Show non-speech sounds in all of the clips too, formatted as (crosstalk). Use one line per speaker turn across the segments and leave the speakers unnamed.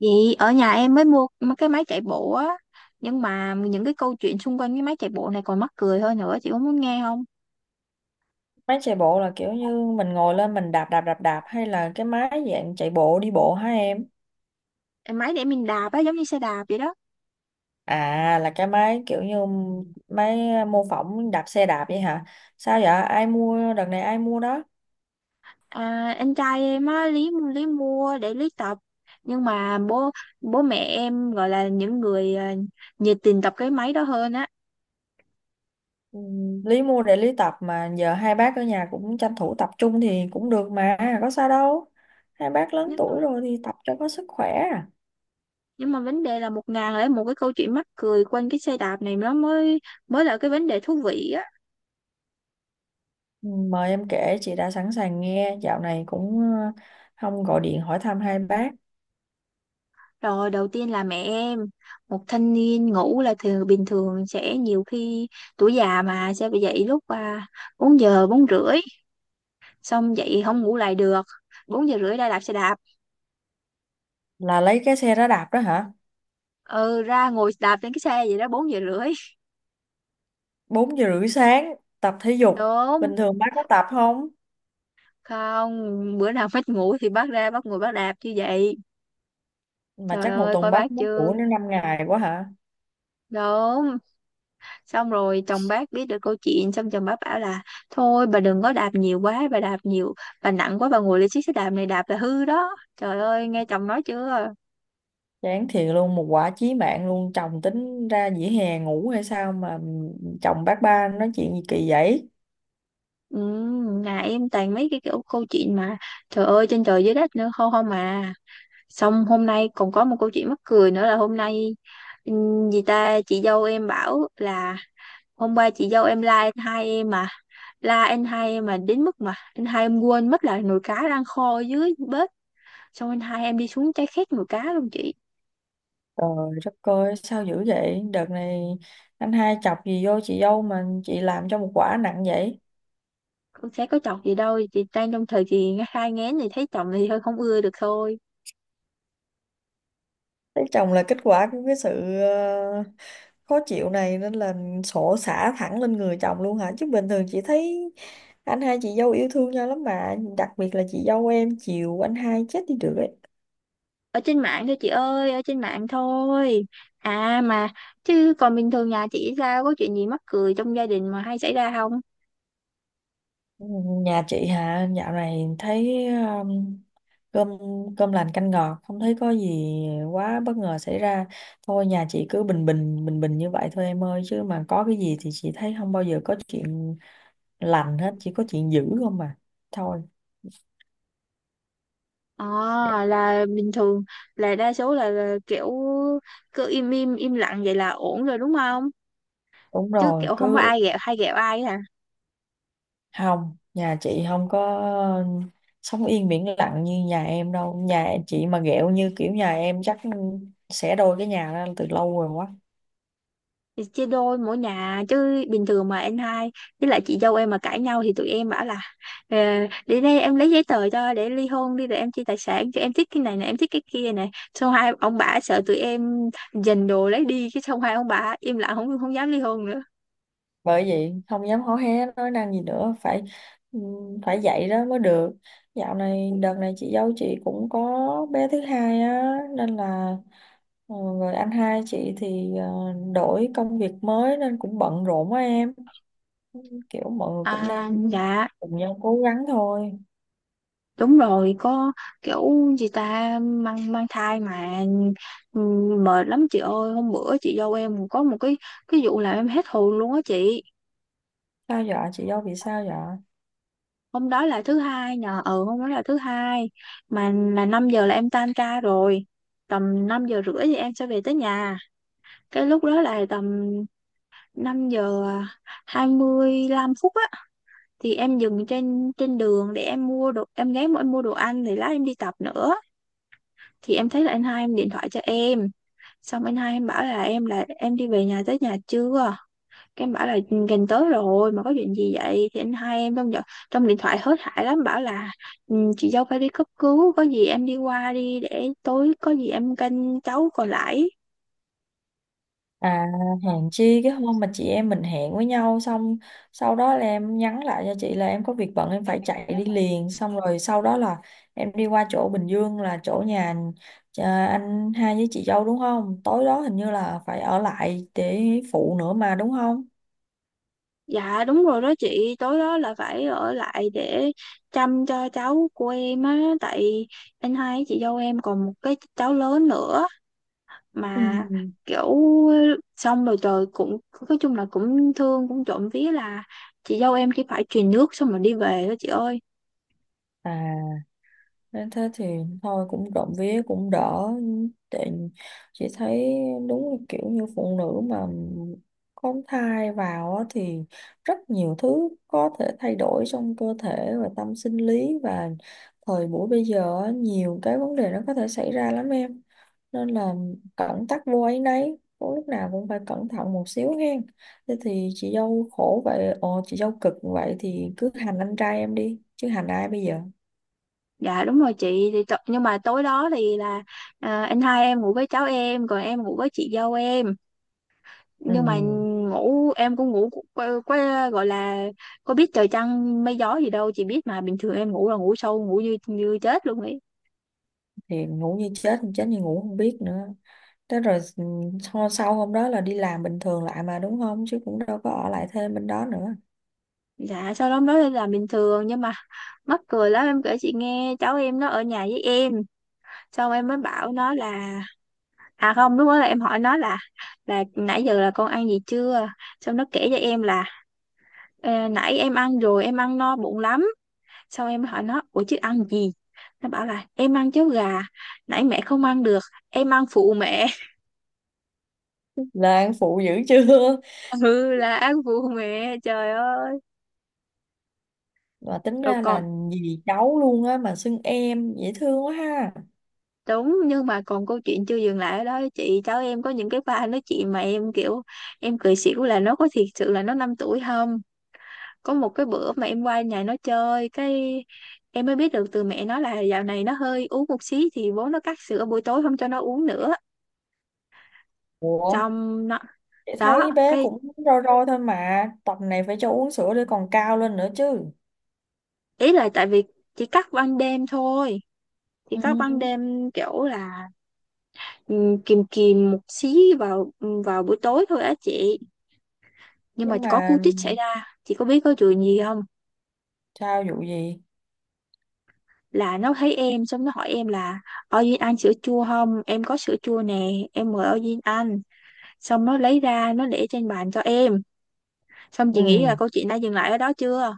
Vậy ở nhà em mới mua mấy cái máy chạy bộ á. Nhưng mà những cái câu chuyện xung quanh cái máy chạy bộ này còn mắc cười hơn nữa, chị có muốn nghe không?
Máy chạy bộ là kiểu như mình ngồi lên mình đạp đạp đạp đạp hay là cái máy dạng chạy bộ đi bộ hả em?
Em máy để mình đạp á, giống như xe đạp vậy đó.
À là cái máy kiểu như máy à, mô phỏng đạp xe đạp vậy hả? Sao vậy? Ai mua đợt này ai mua đó?
Anh trai em á, lý lý mua để lý tập. Nhưng mà bố bố mẹ em gọi là những người nhiệt tình tập cái máy đó hơn á.
Ừ, Lý mua để Lý tập mà giờ hai bác ở nhà cũng tranh thủ tập trung thì cũng được mà, có sao đâu. Hai bác lớn
nhưng mà,
tuổi rồi thì tập cho có sức khỏe. À.
nhưng mà vấn đề là một ngàn lẻ một cái câu chuyện mắc cười quanh cái xe đạp này nó mới mới là cái vấn đề thú vị á.
Ừ, mời em kể chị đã sẵn sàng nghe, dạo này cũng không gọi điện hỏi thăm hai bác.
Rồi đầu tiên là mẹ em, một thanh niên ngủ là thường bình thường sẽ nhiều khi tuổi già mà sẽ bị dậy lúc 4 giờ 4:30. Xong dậy không ngủ lại được, 4:30 ra đạp xe đạp.
Là lấy cái xe đó đạp đó hả?
Ừ, ra ngồi đạp trên cái xe vậy đó, 4:30.
4:30 sáng tập thể dục.
Đúng.
Bình thường bác có tập không?
Không, bữa nào (laughs) mất ngủ thì bác ra bác ngồi bác đạp như vậy.
Mà
Trời
chắc một
ơi,
tuần
coi
bác
bác
mất
chưa.
ngủ đến 5 ngày quá hả?
Đúng. Xong rồi chồng bác biết được câu chuyện, xong chồng bác bảo là thôi bà đừng có đạp nhiều quá, bà đạp nhiều, bà nặng quá, bà ngồi lên chiếc xe đạp này đạp là hư đó. Trời ơi nghe chồng nói chưa.
Chán thiệt luôn, một quả chí mạng luôn, chồng tính ra dĩa hè ngủ hay sao mà, chồng bác ba nói chuyện gì kỳ vậy.
Ừ, nhà em toàn mấy cái kiểu câu chuyện mà trời ơi trên trời dưới đất nữa, không không mà. Xong hôm nay còn có một câu chuyện mắc cười nữa là hôm nay, ừ, gì ta, chị dâu em bảo là hôm qua chị dâu em la anh hai em mà, đến mức mà anh hai em quên mất là nồi cá đang kho dưới bếp. Xong anh hai em đi xuống, trái khét mùa cá luôn chị.
Trời đất ơi sao dữ vậy đợt này, anh hai chọc gì vô chị dâu mà chị làm cho một quả nặng vậy.
Con sẽ có chọc gì đâu, chị đang trong thời kỳ hai ngén thì thấy chồng thì hơi không ưa được thôi.
Lấy chồng là kết quả của cái sự khó chịu này nên là sổ xả thẳng lên người chồng luôn hả, chứ bình thường chị thấy anh hai chị dâu yêu thương nhau lắm mà, đặc biệt là chị dâu em chiều anh hai chết đi được đấy.
Ở trên mạng thôi chị ơi, ở trên mạng thôi. À mà, chứ còn bình thường nhà chị sao, có chuyện gì mắc cười trong gia đình mà hay xảy ra không?
Nhà chị hả, dạo này thấy cơm cơm lành canh ngọt, không thấy có gì quá bất ngờ xảy ra. Thôi nhà chị cứ bình bình bình bình như vậy thôi em ơi, chứ mà có cái gì thì chị thấy không bao giờ có chuyện lành hết, chỉ có chuyện dữ không mà. Thôi dạ.
à là bình thường, là đa số là kiểu cứ im im im lặng vậy là ổn rồi, đúng không?
Đúng
Chứ
rồi,
kiểu không có
cứ
ai ghẹo hay ghẹo ai hả?
không, nhà chị không có sống yên biển lặng như nhà em đâu. Nhà chị mà ghẹo như kiểu nhà em chắc xẻ đôi cái nhà ra từ lâu rồi quá.
Thì chia đôi mỗi nhà chứ, bình thường mà anh hai với lại chị dâu em mà cãi nhau thì tụi em bảo là, "Ờ, để đây em lấy giấy tờ cho để ly hôn đi, rồi em chia tài sản cho, em thích cái này này, em thích cái kia này." Xong hai ông bà sợ tụi em giành đồ lấy đi cái, xong hai ông bà im lặng, không không dám ly hôn nữa.
Bởi vậy không dám hó hé nói năng gì nữa, phải phải dạy đó mới được. Dạo này đợt này chị dâu chị cũng có bé thứ hai á nên là rồi anh hai chị thì đổi công việc mới nên cũng bận rộn quá em. Kiểu mọi người cũng đang
Dạ,
cùng nhau cố gắng thôi.
đúng rồi, có kiểu, gì ta, mang mang thai mà mệt lắm chị ơi. Hôm bữa chị dâu em có một cái vụ làm em hết hồn luôn á chị.
Sao vậy chị dâu bị sao vậy?
Hôm đó là thứ hai, mà là 5 giờ là em tan ca rồi, tầm 5:30 thì em sẽ về tới nhà. Cái lúc đó là tầm 5 giờ 25 phút á, thì em dừng trên trên đường để em mua đồ, em ghé em mua đồ ăn thì lát em đi tập nữa. Thì em thấy là anh hai em điện thoại cho em, xong anh hai em bảo là em đi về nhà tới nhà chưa. Cái em bảo là, "Ừ, gần tới rồi mà có chuyện gì vậy?" Thì anh hai em trong điện thoại hớt hải lắm bảo là, "Ừ, chị dâu phải đi cấp cứu, có gì em đi qua đi, để tối có gì em canh cháu còn lại."
À, hẹn chi cái hôm mà chị em mình hẹn với nhau xong sau đó là em nhắn lại cho chị là em có việc bận em phải chạy đi liền, xong rồi sau đó là em đi qua chỗ Bình Dương là chỗ nhà anh hai với chị dâu đúng không? Tối đó hình như là phải ở lại để phụ nữa mà đúng không?
Dạ, đúng rồi đó chị, tối đó là phải ở lại để chăm cho cháu của em á, tại anh hai với chị dâu em còn một cái cháu lớn nữa
Ừ.
mà kiểu. Xong rồi trời cũng nói chung là cũng thương, cũng trộm vía là chị dâu em chỉ phải truyền nước xong rồi đi về đó chị ơi.
À, nên thế thì thôi cũng rộng vía cũng đỡ. Tại chị thấy đúng là kiểu như phụ nữ mà có thai vào á thì rất nhiều thứ có thể thay đổi trong cơ thể và tâm sinh lý, và thời buổi bây giờ á, nhiều cái vấn đề nó có thể xảy ra lắm em, nên là cẩn tắc vô áy náy. Có lúc nào cũng phải cẩn thận một xíu hen. Thế thì chị dâu khổ vậy, ồ chị dâu cực vậy thì cứ hành anh trai em đi chứ hành ai bây giờ.
Dạ, đúng rồi chị, nhưng mà tối đó thì là anh hai em ngủ với cháu em, còn em ngủ với chị dâu em.
Ừ
Nhưng mà ngủ em cũng ngủ, gọi là có biết trời trăng mây gió gì đâu. Chị biết mà, bình thường em ngủ là ngủ sâu, ngủ như như chết luôn ấy.
thì ngủ như chết, chết như ngủ không biết nữa. Thế rồi ừ, sau sau hôm đó là đi làm bình thường lại mà đúng không, chứ cũng đâu có ở lại thêm bên đó nữa.
Dạ sau đó nói là bình thường nhưng mà mắc cười lắm, em kể chị nghe, cháu em nó ở nhà với em, xong em mới bảo nó là, à không, lúc đó là em hỏi nó là nãy giờ là con ăn gì chưa. Xong nó kể cho em là, "Ờ, nãy em ăn rồi, em ăn no bụng lắm." Sau em hỏi nó, "Ủa chứ ăn gì?" Nó bảo là, "Em ăn cháo gà, nãy mẹ không ăn được em ăn phụ mẹ." (laughs)
Lan phụ dữ chưa,
Ừ, là ăn phụ mẹ trời ơi.
mà tính
Rồi
ra là
còn,
dì cháu luôn á mà xưng em dễ thương quá ha.
đúng nhưng mà còn câu chuyện chưa dừng lại ở đó chị, cháu em có những cái pha nói chuyện mà em kiểu em cười xỉu, là nó có thiệt sự là nó 5 tuổi không? Có một cái bữa mà em qua nhà nó chơi, cái em mới biết được từ mẹ nó là dạo này nó hơi uống một xí thì bố nó cắt sữa buổi tối, không cho nó uống nữa.
Ủa,
Trong nó
chị thấy
đó
bé
cái,
cũng rôi rôi thôi mà tập này phải cho uống sữa để còn cao lên nữa chứ.
ý là tại vì chỉ cắt ban đêm thôi, chỉ
Ừ.
cắt ban đêm kiểu là ừ, kìm kìm một xí vào, vào buổi tối thôi á chị. Nhưng mà
Nhưng
có
mà
cú tích xảy ra, chị có biết có chuyện gì không?
sao, vụ gì?
Là nó thấy em xong nó hỏi em là, "Ôi Duyên ăn sữa chua không? Em có sữa chua nè, em mời Ôi Duyên ăn." Xong nó lấy ra, nó để trên bàn cho em. Xong
Ừ.
chị nghĩ là câu chuyện đã dừng lại ở đó chưa?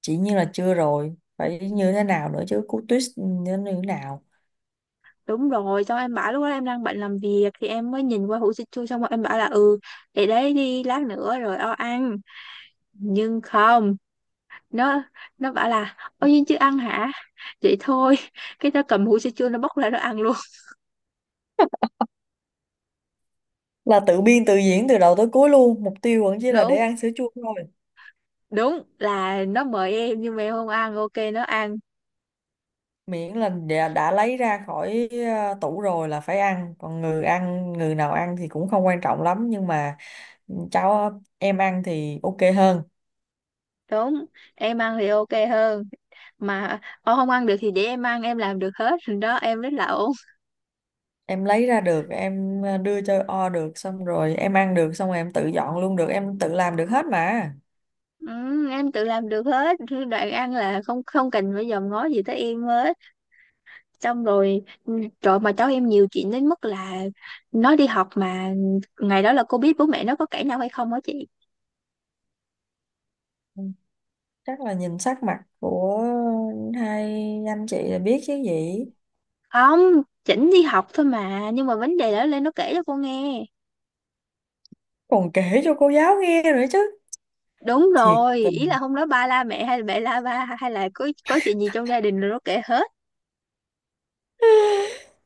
Chỉ như là chưa, rồi phải như thế nào nữa chứ, cú twist như thế nào?
Đúng rồi, xong em bảo, lúc đó em đang bận làm việc thì em mới nhìn qua hũ sữa chua, xong rồi em bảo là, "Ừ, để đấy đi, lát nữa rồi o ăn." Nhưng không, nó nó bảo là, "Ôi nhưng chưa ăn hả? Vậy thôi." (laughs) Cái nó cầm hũ sữa chua, nó bóc ra nó ăn luôn.
Là tự biên tự diễn từ đầu tới cuối luôn, mục tiêu vẫn
(laughs)
chỉ là để
Đúng,
ăn sữa chua thôi.
đúng là nó mời em nhưng mà em không ăn ok nó ăn.
Miễn là đã lấy ra khỏi tủ rồi là phải ăn, còn người ăn, người nào ăn thì cũng không quan trọng lắm, nhưng mà ừ, cháu em ăn thì ok hơn.
Đúng, em ăn thì ok hơn, mà ô không ăn được thì để em ăn, em làm được hết rồi đó, em rất là ổn.
Em lấy ra được, em đưa cho o được, xong rồi em ăn được, xong rồi em tự dọn luôn được, em tự làm được hết mà.
Ừ, em tự làm được hết, đoạn ăn là không không cần phải dòm ngó gì tới em hết. Xong rồi ừ, trời mà cháu em nhiều chuyện đến mức là nó đi học mà ngày đó là cô biết bố mẹ nó có cãi nhau hay không hả chị?
Ừ, chắc là nhìn sắc mặt của hai anh chị là biết chứ gì.
Không, chỉnh đi học thôi mà nhưng mà vấn đề đó lên nó kể cho cô nghe.
Còn kể cho cô giáo nghe nữa chứ.
Đúng
Thiệt.
rồi, ý là hôm đó ba la mẹ hay là mẹ la ba hay là có chuyện gì trong gia đình rồi nó kể hết.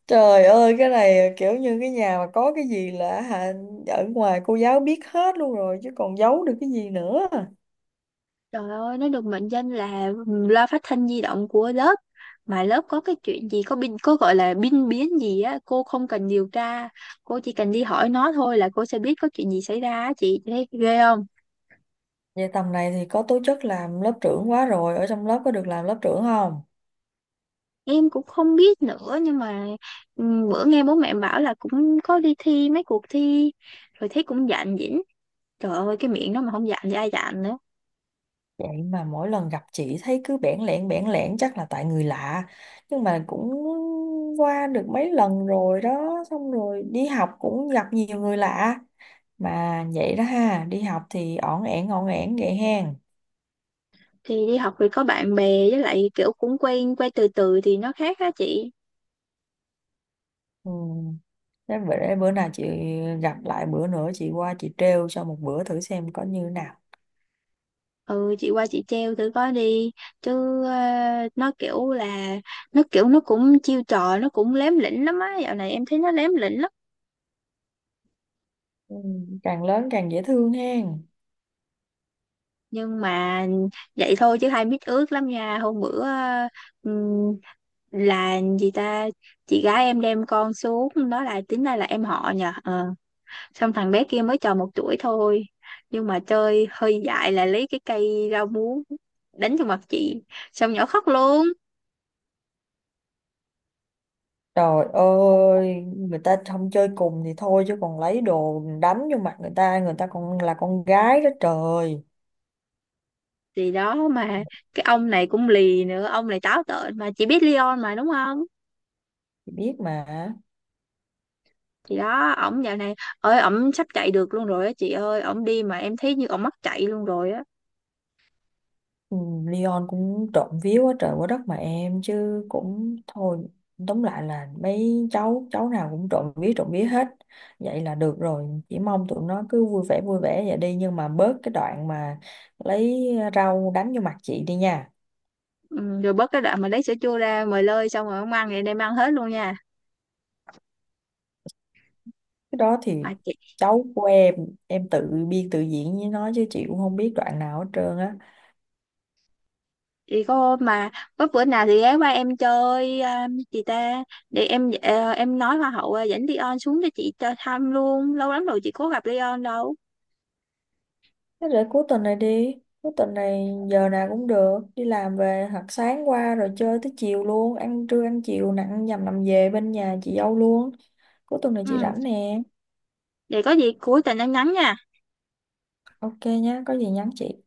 Trời ơi cái này kiểu như cái nhà mà có cái gì là hả, ở ngoài cô giáo biết hết luôn rồi chứ còn giấu được cái gì nữa.
Trời ơi, nó được mệnh danh là loa phát thanh di động của lớp. Mà lớp có cái chuyện gì, có gọi là binh biến gì á, cô không cần điều tra. Cô chỉ cần đi hỏi nó thôi là cô sẽ biết có chuyện gì xảy ra á chị. Chị thấy ghê không?
Vậy tầm này thì có tố chất làm lớp trưởng quá rồi, ở trong lớp có được làm lớp trưởng không?
Em cũng không biết nữa, nhưng mà ừ, bữa nghe bố mẹ bảo là cũng có đi thi mấy cuộc thi, rồi thấy cũng dạn dĩnh. Trời ơi, cái miệng nó mà không dạn thì ai dạn nữa.
Vậy mà mỗi lần gặp chị thấy cứ bẽn lẽn bẽn lẽn, chắc là tại người lạ. Nhưng mà cũng qua được mấy lần rồi đó, xong rồi đi học cũng gặp nhiều người lạ. Mà vậy đó ha, đi học thì ổn ẻn vậy hen.
Thì đi học thì có bạn bè với lại kiểu cũng quen, quen từ từ thì nó khác á chị.
Ừ. Thế bữa nào chị gặp lại bữa nữa chị qua chị trêu cho một bữa thử xem có như nào.
Ừ chị qua chị treo thử coi đi, chứ nó kiểu là nó cũng chiêu trò, nó cũng lém lỉnh lắm á, dạo này em thấy nó lém lỉnh lắm.
Ừ. Càng lớn càng dễ thương hen.
Nhưng mà vậy thôi chứ hai mít ướt lắm nha. Hôm bữa ừm, là gì ta, chị gái em đem con xuống đó là tính ra là em họ nhờ ờ. Xong thằng bé kia mới tròn 1 tuổi thôi, nhưng mà chơi hơi dại là lấy cái cây rau muống đánh vào mặt chị, xong nhỏ khóc luôn.
Trời ơi, người ta không chơi cùng thì thôi chứ còn lấy đồ đánh vô mặt người ta còn là con gái đó trời.
Thì đó mà, cái ông này cũng lì nữa, ông này táo tợn mà, chị biết Leon mà đúng không?
Chị biết mà.
Thì đó, ổng dạo này ơi ổng sắp chạy được luôn rồi á chị ơi, ổng đi mà em thấy như ổng mắc chạy luôn rồi á.
Ừ, Leon cũng trộm vía quá trời quá đất mà em, chứ cũng thôi, tóm lại là mấy cháu cháu nào cũng trộm vía hết, vậy là được rồi, chỉ mong tụi nó cứ vui vẻ vậy đi, nhưng mà bớt cái đoạn mà lấy rau đánh vô mặt chị đi nha.
Ừ, rồi bớt cái đoạn mà lấy sữa chua ra mời lơi, xong rồi ổng ăn thì đem ăn hết luôn nha.
Cái đó thì
Mà chị
cháu của em tự biên tự diễn với nó chứ chị cũng không biết đoạn nào hết trơn á.
thì có mà, có bữa nào thì ghé qua em chơi chị ta. Để em em nói hoa hậu dẫn Leon xuống cho chị cho thăm luôn, lâu lắm rồi chị có gặp Leon đâu.
Thế để cuối tuần này đi. Cuối tuần này giờ nào cũng được. Đi làm về hoặc sáng qua rồi chơi tới chiều luôn. Ăn trưa ăn chiều nặng nhằm nằm về bên nhà chị dâu luôn. Cuối tuần này chị
Ừ,
rảnh nè.
để có gì cuối tuần em nhắn nha.
Ok nhá, có gì nhắn chị.